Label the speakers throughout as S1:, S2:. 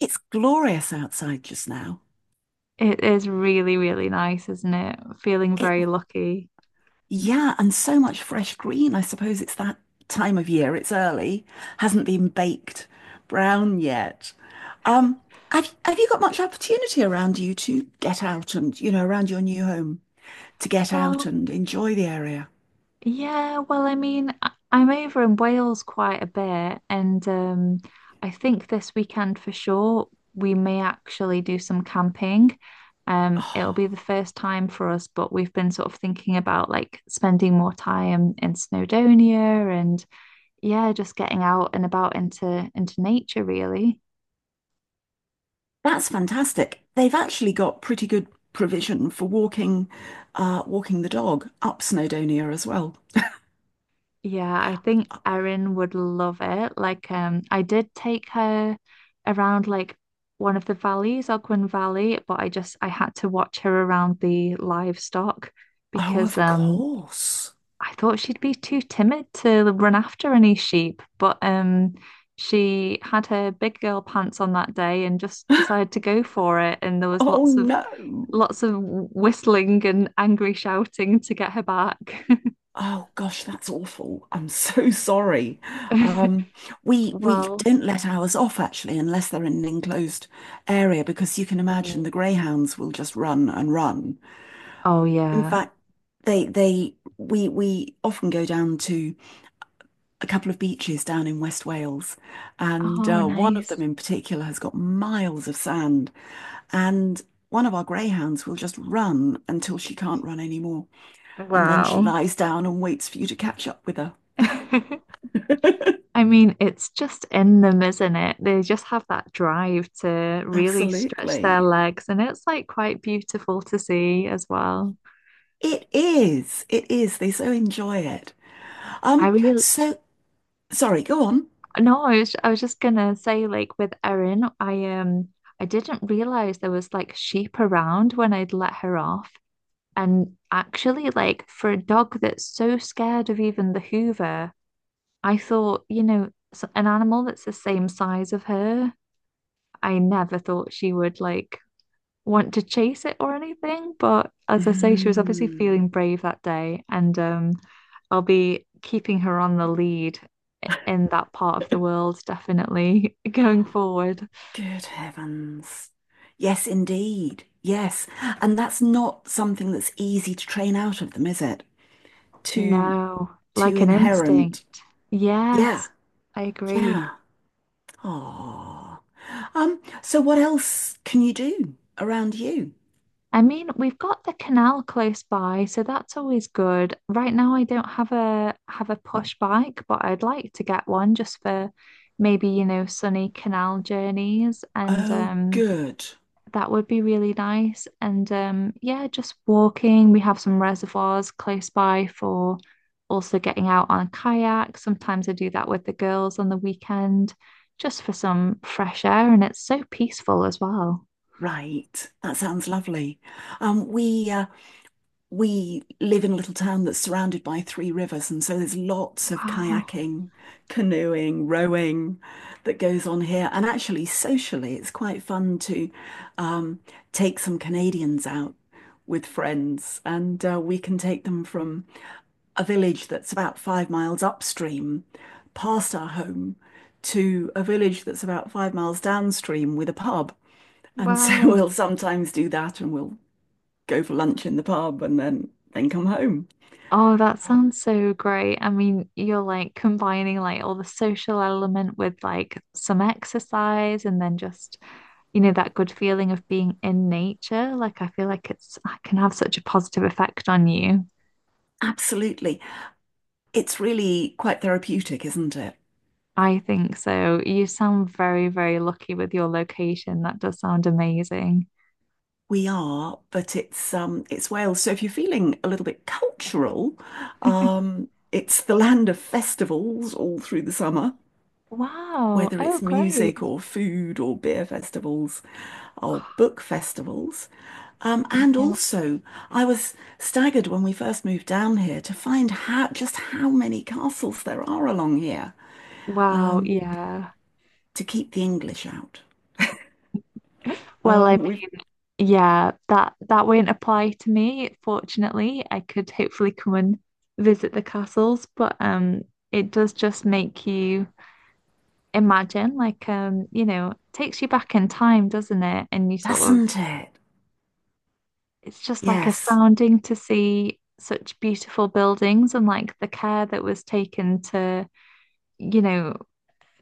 S1: It's glorious outside just now.
S2: It is really, really nice, isn't it? Feeling
S1: It,
S2: very lucky.
S1: yeah, and so much fresh green. I suppose it's that time of year. It's early, hasn't been baked brown yet. Um, have you got much opportunity around you to get out and, you know, around your new home to get out
S2: Well,
S1: and enjoy the area?
S2: yeah, well, I mean, I'm over in Wales quite a bit, and I think this weekend for sure we may actually do some camping. It'll be the first time for us, but we've been sort of thinking about like spending more time in Snowdonia and yeah, just getting out and about into nature, really.
S1: That's fantastic. They've actually got pretty good provision for walking, walking the dog up Snowdonia as well.
S2: Yeah, I think Erin would love it. Like, I did take her around like one of the valleys, Ogwen Valley, but I had to watch her around the livestock
S1: Oh,
S2: because
S1: of course.
S2: I thought she'd be too timid to run after any sheep. But she had her big girl pants on that day and just decided to go for it. And there was
S1: Oh
S2: lots of
S1: no.
S2: lots of whistling and angry shouting to get her back.
S1: Oh gosh, that's awful. I'm so sorry. Um, we
S2: Well,
S1: don't let ours off actually unless they're in an enclosed area because you can imagine the greyhounds will just run and run.
S2: oh,
S1: In
S2: yeah.
S1: fact, they we often go down to a couple of beaches down in West Wales, and
S2: Oh,
S1: one of them
S2: nice.
S1: in particular has got miles of sand, and one of our greyhounds will just run until she can't run anymore, and then she
S2: Wow.
S1: lies down and waits for you to catch up with her.
S2: I mean, it's just in them, isn't it? They just have that drive to really stretch their
S1: Absolutely.
S2: legs, and it's like quite beautiful to see as well.
S1: It is. It is. They so enjoy it.
S2: I
S1: Um,
S2: really,
S1: so sorry, go on.
S2: no, I was just gonna say, like with Erin, I didn't realize there was like sheep around when I'd let her off. And actually, like for a dog that's so scared of even the Hoover. I thought, you know, an animal that's the same size of her, I never thought she would like want to chase it or anything. But as I say, she was obviously
S1: Mm,
S2: feeling brave that day, and I'll be keeping her on the lead in that part of the world, definitely going forward.
S1: good heavens. Yes, indeed. Yes. And that's not something that's easy to train out of them, is it? Too
S2: No,
S1: too
S2: like an
S1: inherent.
S2: instinct.
S1: Yeah.
S2: Yes, I agree.
S1: Yeah. Oh. So what else can you do around you?
S2: I mean, we've got the canal close by, so that's always good. Right now, I don't have a push bike, but I'd like to get one just for maybe, you know, sunny canal journeys, and
S1: Oh, good.
S2: that would be really nice. And yeah, just walking. We have some reservoirs close by for also getting out on a kayak. Sometimes I do that with the girls on the weekend, just for some fresh air, and it's so peaceful as well.
S1: Right. That sounds lovely. Um, we live in a little town that's surrounded by three rivers, and so there's lots of
S2: Wow,
S1: kayaking, canoeing, rowing that goes on here. And actually, socially, it's quite fun to um, take some Canadians out with friends, and we can take them from a village that's about 5 miles upstream, past our home, to a village that's about 5 miles downstream with a pub. And so
S2: wow.
S1: we'll sometimes do that, and we'll go for lunch in the pub and then come home.
S2: Oh, that sounds so great. I mean, you're like combining like all the social element with like some exercise and then just, you know, that good feeling of being in nature. Like, I feel like it's I can have such a positive effect on you.
S1: Absolutely. It's really quite therapeutic, isn't it?
S2: I think so. You sound very, very lucky with your location. That does sound amazing.
S1: We are, but it's Wales. So if you're feeling a little bit cultural, it's the land of festivals all through the summer,
S2: Wow.
S1: whether
S2: Oh,
S1: it's music
S2: great.
S1: or food or beer festivals or
S2: Oh,
S1: book festivals.
S2: you
S1: And
S2: know,
S1: also, I was staggered when we first moved down here to find how just how many castles there are along here.
S2: wow.
S1: Um,
S2: Yeah.
S1: to keep the English out.
S2: Well, I.
S1: We've
S2: Yeah, that won't apply to me. Fortunately, I could hopefully come and visit the castles, but it does just make you imagine like you know, takes you back in time, doesn't it? And you sort of
S1: doesn't it?
S2: it's just like
S1: Yes,
S2: astounding to see such beautiful buildings and like the care that was taken to, you know,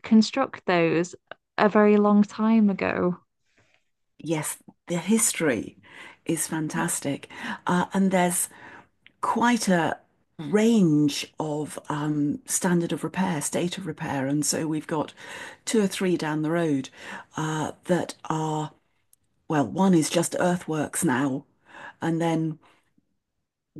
S2: construct those a very long time ago.
S1: yes, the history is fantastic. And there's quite a range of standard of repair, state of repair. And so we've got two or three down the road that are, well, one is just earthworks now. And then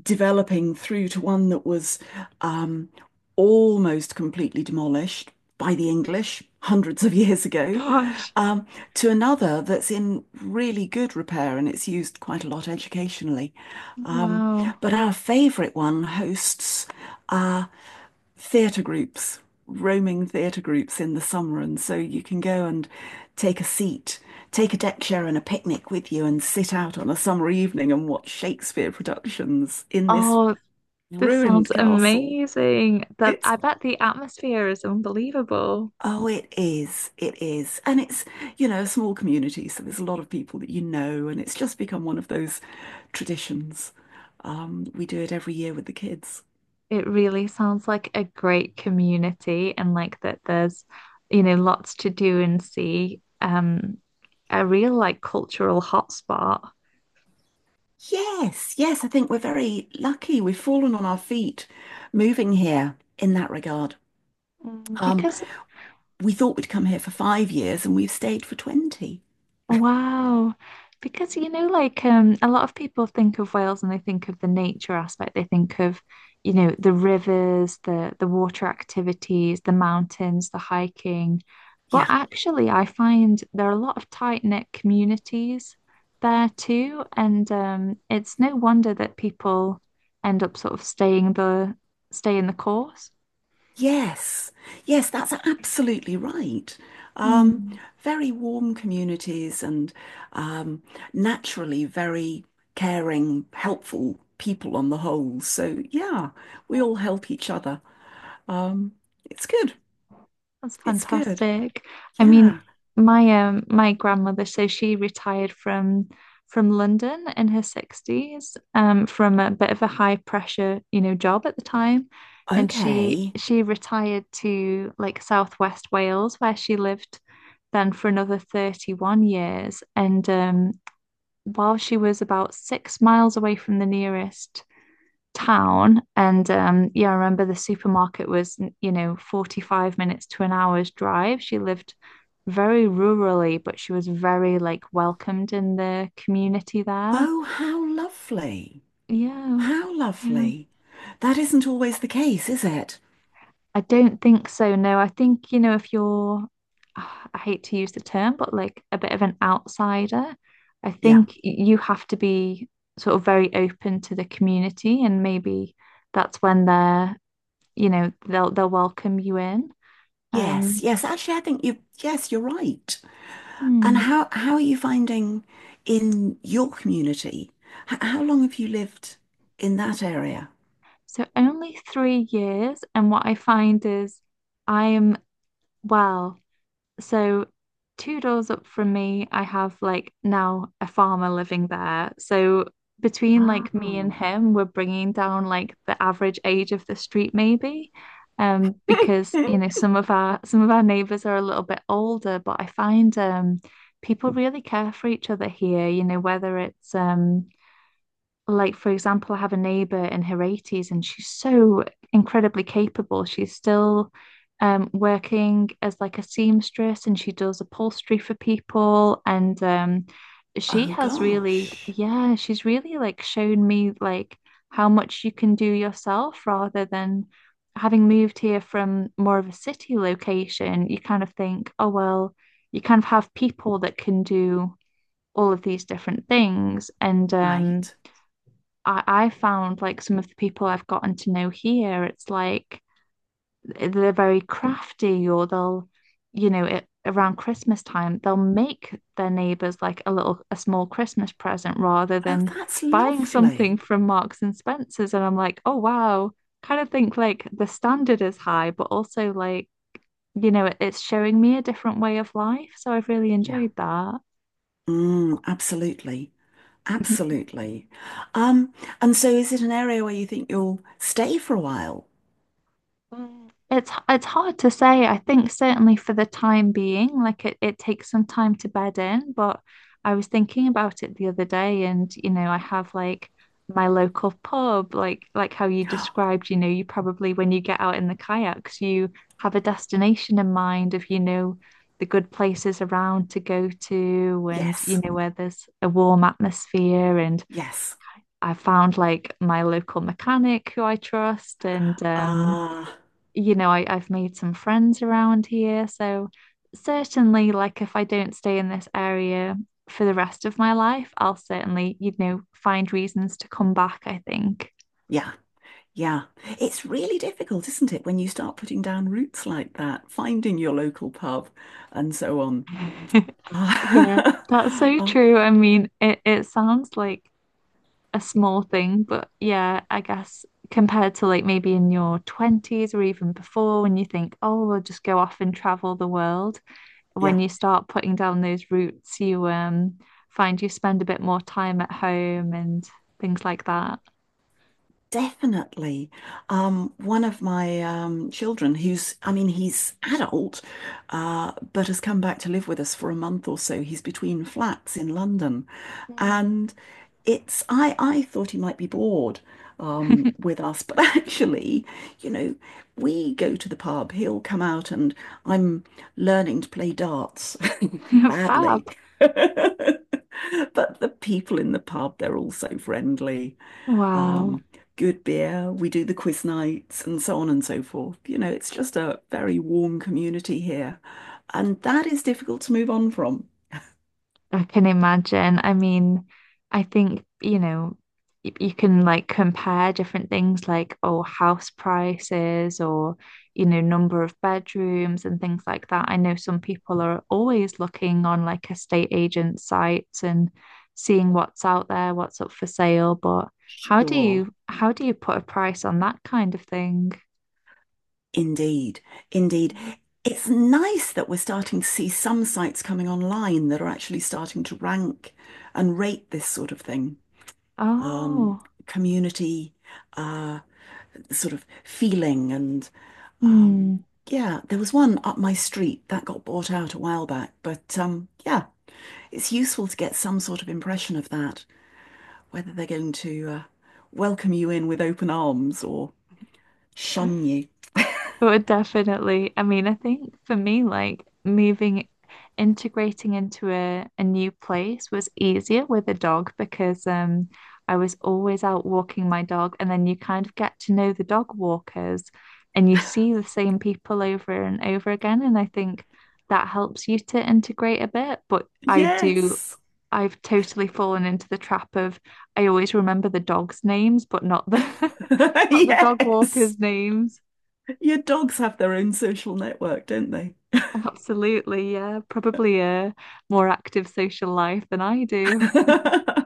S1: developing through to one that was um, almost completely demolished by the English hundreds of years ago,
S2: Gosh.
S1: um, to another that's in really good repair and it's used quite a lot educationally.
S2: Oh, wow.
S1: But our favourite one hosts uh, theatre groups, roaming theatre groups in the summer. And so you can go and take a seat, take a deck chair and a picnic with you and sit out on a summer evening and watch Shakespeare productions in this
S2: Oh, this sounds
S1: ruined castle.
S2: amazing. That
S1: It's
S2: I bet the atmosphere is unbelievable.
S1: oh, it is. It is. And it's, you know, a small community, so there's a lot of people that you know, and it's just become one of those traditions. We do it every year with the kids.
S2: It really sounds like a great community and like that there's, lots to do and see. A real like cultural hotspot.
S1: Yes, yes, I think we're very lucky. We've fallen on our feet moving here in that regard.
S2: Mm.
S1: Um,
S2: Because
S1: we thought we'd come here for 5 years and we've stayed for 20.
S2: Wow. Because you know, like a lot of people think of Wales and they think of the nature aspect. They think of, you know, the rivers, the water activities, the mountains, the hiking. But
S1: Yeah.
S2: actually I find there are a lot of tight-knit communities there too. And it's no wonder that people end up sort of stay in the course.
S1: Yes, yes, that's absolutely right. Um,
S2: Hmm.
S1: very warm communities and um, naturally very caring, helpful people on the whole. So, yeah, we all help each other. Um, it's good.
S2: That's
S1: It's good.
S2: fantastic. I mean,
S1: Yeah.
S2: my my grandmother, so she retired from London in her 60s, from a bit of a high pressure, you know, job at the time. And she
S1: Okay.
S2: she retired to like Southwest Wales, where she lived then for another 31 years. And while she was about 6 miles away from the nearest town. And yeah, I remember the supermarket was, you know, 45 minutes to an hour's drive. She lived very rurally, but she was very like welcomed in the community there.
S1: Oh, how lovely.
S2: Yeah.
S1: How
S2: Yeah.
S1: lovely. That isn't always the case, is it?
S2: I don't think so. No, I think, you know, if you're ah, I hate to use the term, but like a bit of an outsider, I
S1: Yeah.
S2: think you have to be sort of very open to the community and maybe that's when they're, you know, they'll welcome you in.
S1: Yes,
S2: Um,
S1: yes. Actually, I think you, yes, you're right. And
S2: hmm.
S1: how are you finding in your community? H- how long have you lived in that area?
S2: So only 3 years, and what I find is I'm well, so two doors up from me, I have like now a farmer living there. So between like me and
S1: Oh.
S2: him, we're bringing down like the average age of the street maybe. Because you know some of our neighbors are a little bit older, but I find people really care for each other here, you know, whether it's like, for example, I have a neighbor in her 80s and she's so incredibly capable. She's still working as like a seamstress and she does upholstery for people. And she
S1: Oh
S2: has really,
S1: gosh,
S2: yeah, she's really like shown me like how much you can do yourself rather than having moved here from more of a city location. You kind of think, oh, well, you kind of have people that can do all of these different things. And,
S1: right.
S2: I found like some of the people I've gotten to know here, it's like they're very crafty or they'll, you know, around Christmas time, they'll make their neighbors like a small Christmas present rather
S1: Oh,
S2: than
S1: that's
S2: buying something
S1: lovely.
S2: from Marks and Spencer's. And I'm like, oh, wow. Kind of think like the standard is high, but also like, you know, it's showing me a different way of life. So I've really
S1: Yeah.
S2: enjoyed that.
S1: Mm, absolutely. Absolutely. Um, and so is it an area where you think you'll stay for a while?
S2: Mm. It's hard to say. I think certainly for the time being, like it takes some time to bed in, but I was thinking about it the other day and you know, I have like my local pub, like how you described, you know, you probably when you get out in the kayaks, you have a destination in mind of, you know, the good places around to go to and you
S1: Yes.
S2: know where there's a warm atmosphere. And
S1: Yes.
S2: I found like my local mechanic who I trust, and
S1: Ah,
S2: you know, I've made some friends around here. So certainly, like if I don't stay in this area for the rest of my life, I'll certainly, you know, find reasons to come back, I think.
S1: yeah. Yeah, it's really difficult, isn't it, when you start putting down roots like that, finding your local pub and so on.
S2: Yeah, that's
S1: Ah,
S2: so
S1: ah,
S2: true. I mean, it sounds like a small thing, but yeah, I guess compared to like maybe in your 20s or even before when you think, oh, we'll just go off and travel the world, when
S1: yeah.
S2: you start putting down those roots, you find you spend a bit more time at home and things like that.
S1: Definitely. One of my children, who's, I mean, he's adult, but has come back to live with us for a month or so. He's between flats in London.
S2: Mm.
S1: And I thought he might be bored with us, but actually, you know, we go to the pub, he'll come out, and I'm learning to play darts badly.
S2: Fab.
S1: But the people in the pub, they're all so friendly
S2: Wow.
S1: um, good beer. We do the quiz nights and so on and so forth. You know, it's just a very warm community here. And that is difficult to move on from.
S2: I can imagine. I mean, I think, you know, you can like compare different things like, oh, house prices or, you know, number of bedrooms and things like that. I know some people are always looking on like estate agent sites and seeing what's out there, what's up for sale, but how do you
S1: Sure.
S2: how do you put a price on that kind of thing?
S1: Indeed. Indeed. It's nice that we're starting to see some sites coming online that are actually starting to rank and rate this sort of thing. Um,
S2: Oh,
S1: community uh, sort of feeling and um,
S2: hmm.
S1: yeah, there was one up my street that got bought out a while back, but yeah, it's useful to get some sort of impression of that, whether they're going to welcome you in with open arms or shun you.
S2: But definitely, I mean, I think for me, like moving, integrating into a new place was easier with a dog because I was always out walking my dog, and then you kind of get to know the dog walkers and you see the same people over and over again. And I think that helps you to integrate a bit. But I do,
S1: Yes,
S2: I've totally fallen into the trap of I always remember the dogs' names, but not the not the dog
S1: yes.
S2: walkers' names.
S1: Your dogs have their own social network, don't they?
S2: Absolutely, yeah. Probably a more active social life than I do.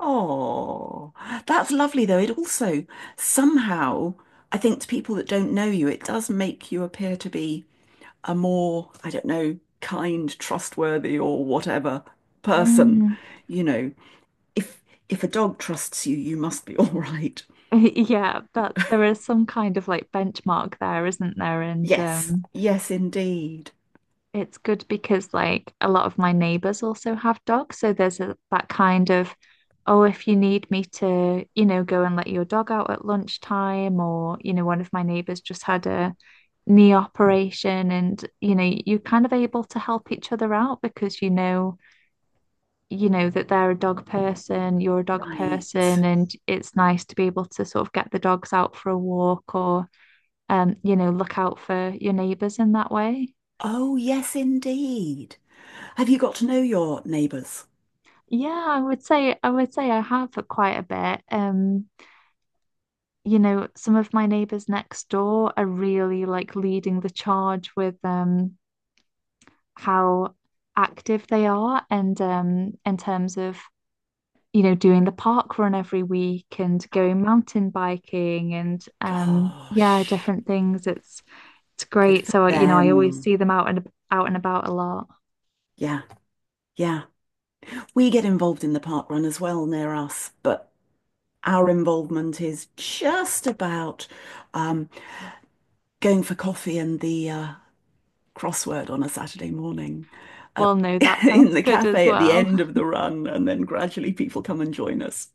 S1: Oh, that's lovely though. It also somehow, I think to people that don't know you, it does make you appear to be a more, I don't know, kind, trustworthy, or whatever person,
S2: Mm.
S1: you know, If if a dog trusts you, you must be all right.
S2: Yeah, that there is some kind of like benchmark there, isn't there? And
S1: Yes, yes, indeed.
S2: it's good because like a lot of my neighbors also have dogs, so there's that kind of, oh, if you need me to, you know, go and let your dog out at lunchtime, or you know, one of my neighbors just had a knee operation, and you know, you're kind of able to help each other out because you know that they're a dog person, you're a dog person,
S1: Right.
S2: and it's nice to be able to sort of get the dogs out for a walk or, you know, look out for your neighbors in that way.
S1: Oh, yes, indeed. Have you got to know your neighbours?
S2: Yeah, I would say I have quite a bit. You know, some of my neighbors next door are really like leading the charge with how active they are and in terms of, you know, doing the park run every week and going mountain biking and yeah,
S1: Gosh,
S2: different things. It's
S1: good
S2: great.
S1: for
S2: So, you know, I always
S1: them.
S2: see them out and about a lot.
S1: Yeah, yeah. We get involved in the park run as well near us, but our involvement is just about um, going for coffee and the crossword on a Saturday morning at,
S2: Well, no, that
S1: in
S2: sounds
S1: the
S2: good as
S1: cafe at the
S2: well.
S1: end of the run, and then gradually people come and join us.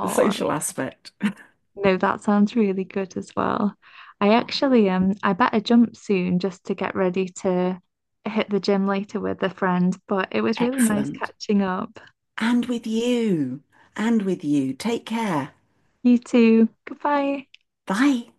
S1: The social aspect.
S2: no, that sounds really good as well. I
S1: Oh,
S2: actually I better jump soon just to get ready to hit the gym later with a friend, but it was really nice
S1: excellent.
S2: catching up.
S1: And with you, and with you. Take care.
S2: You too. Goodbye.
S1: Bye.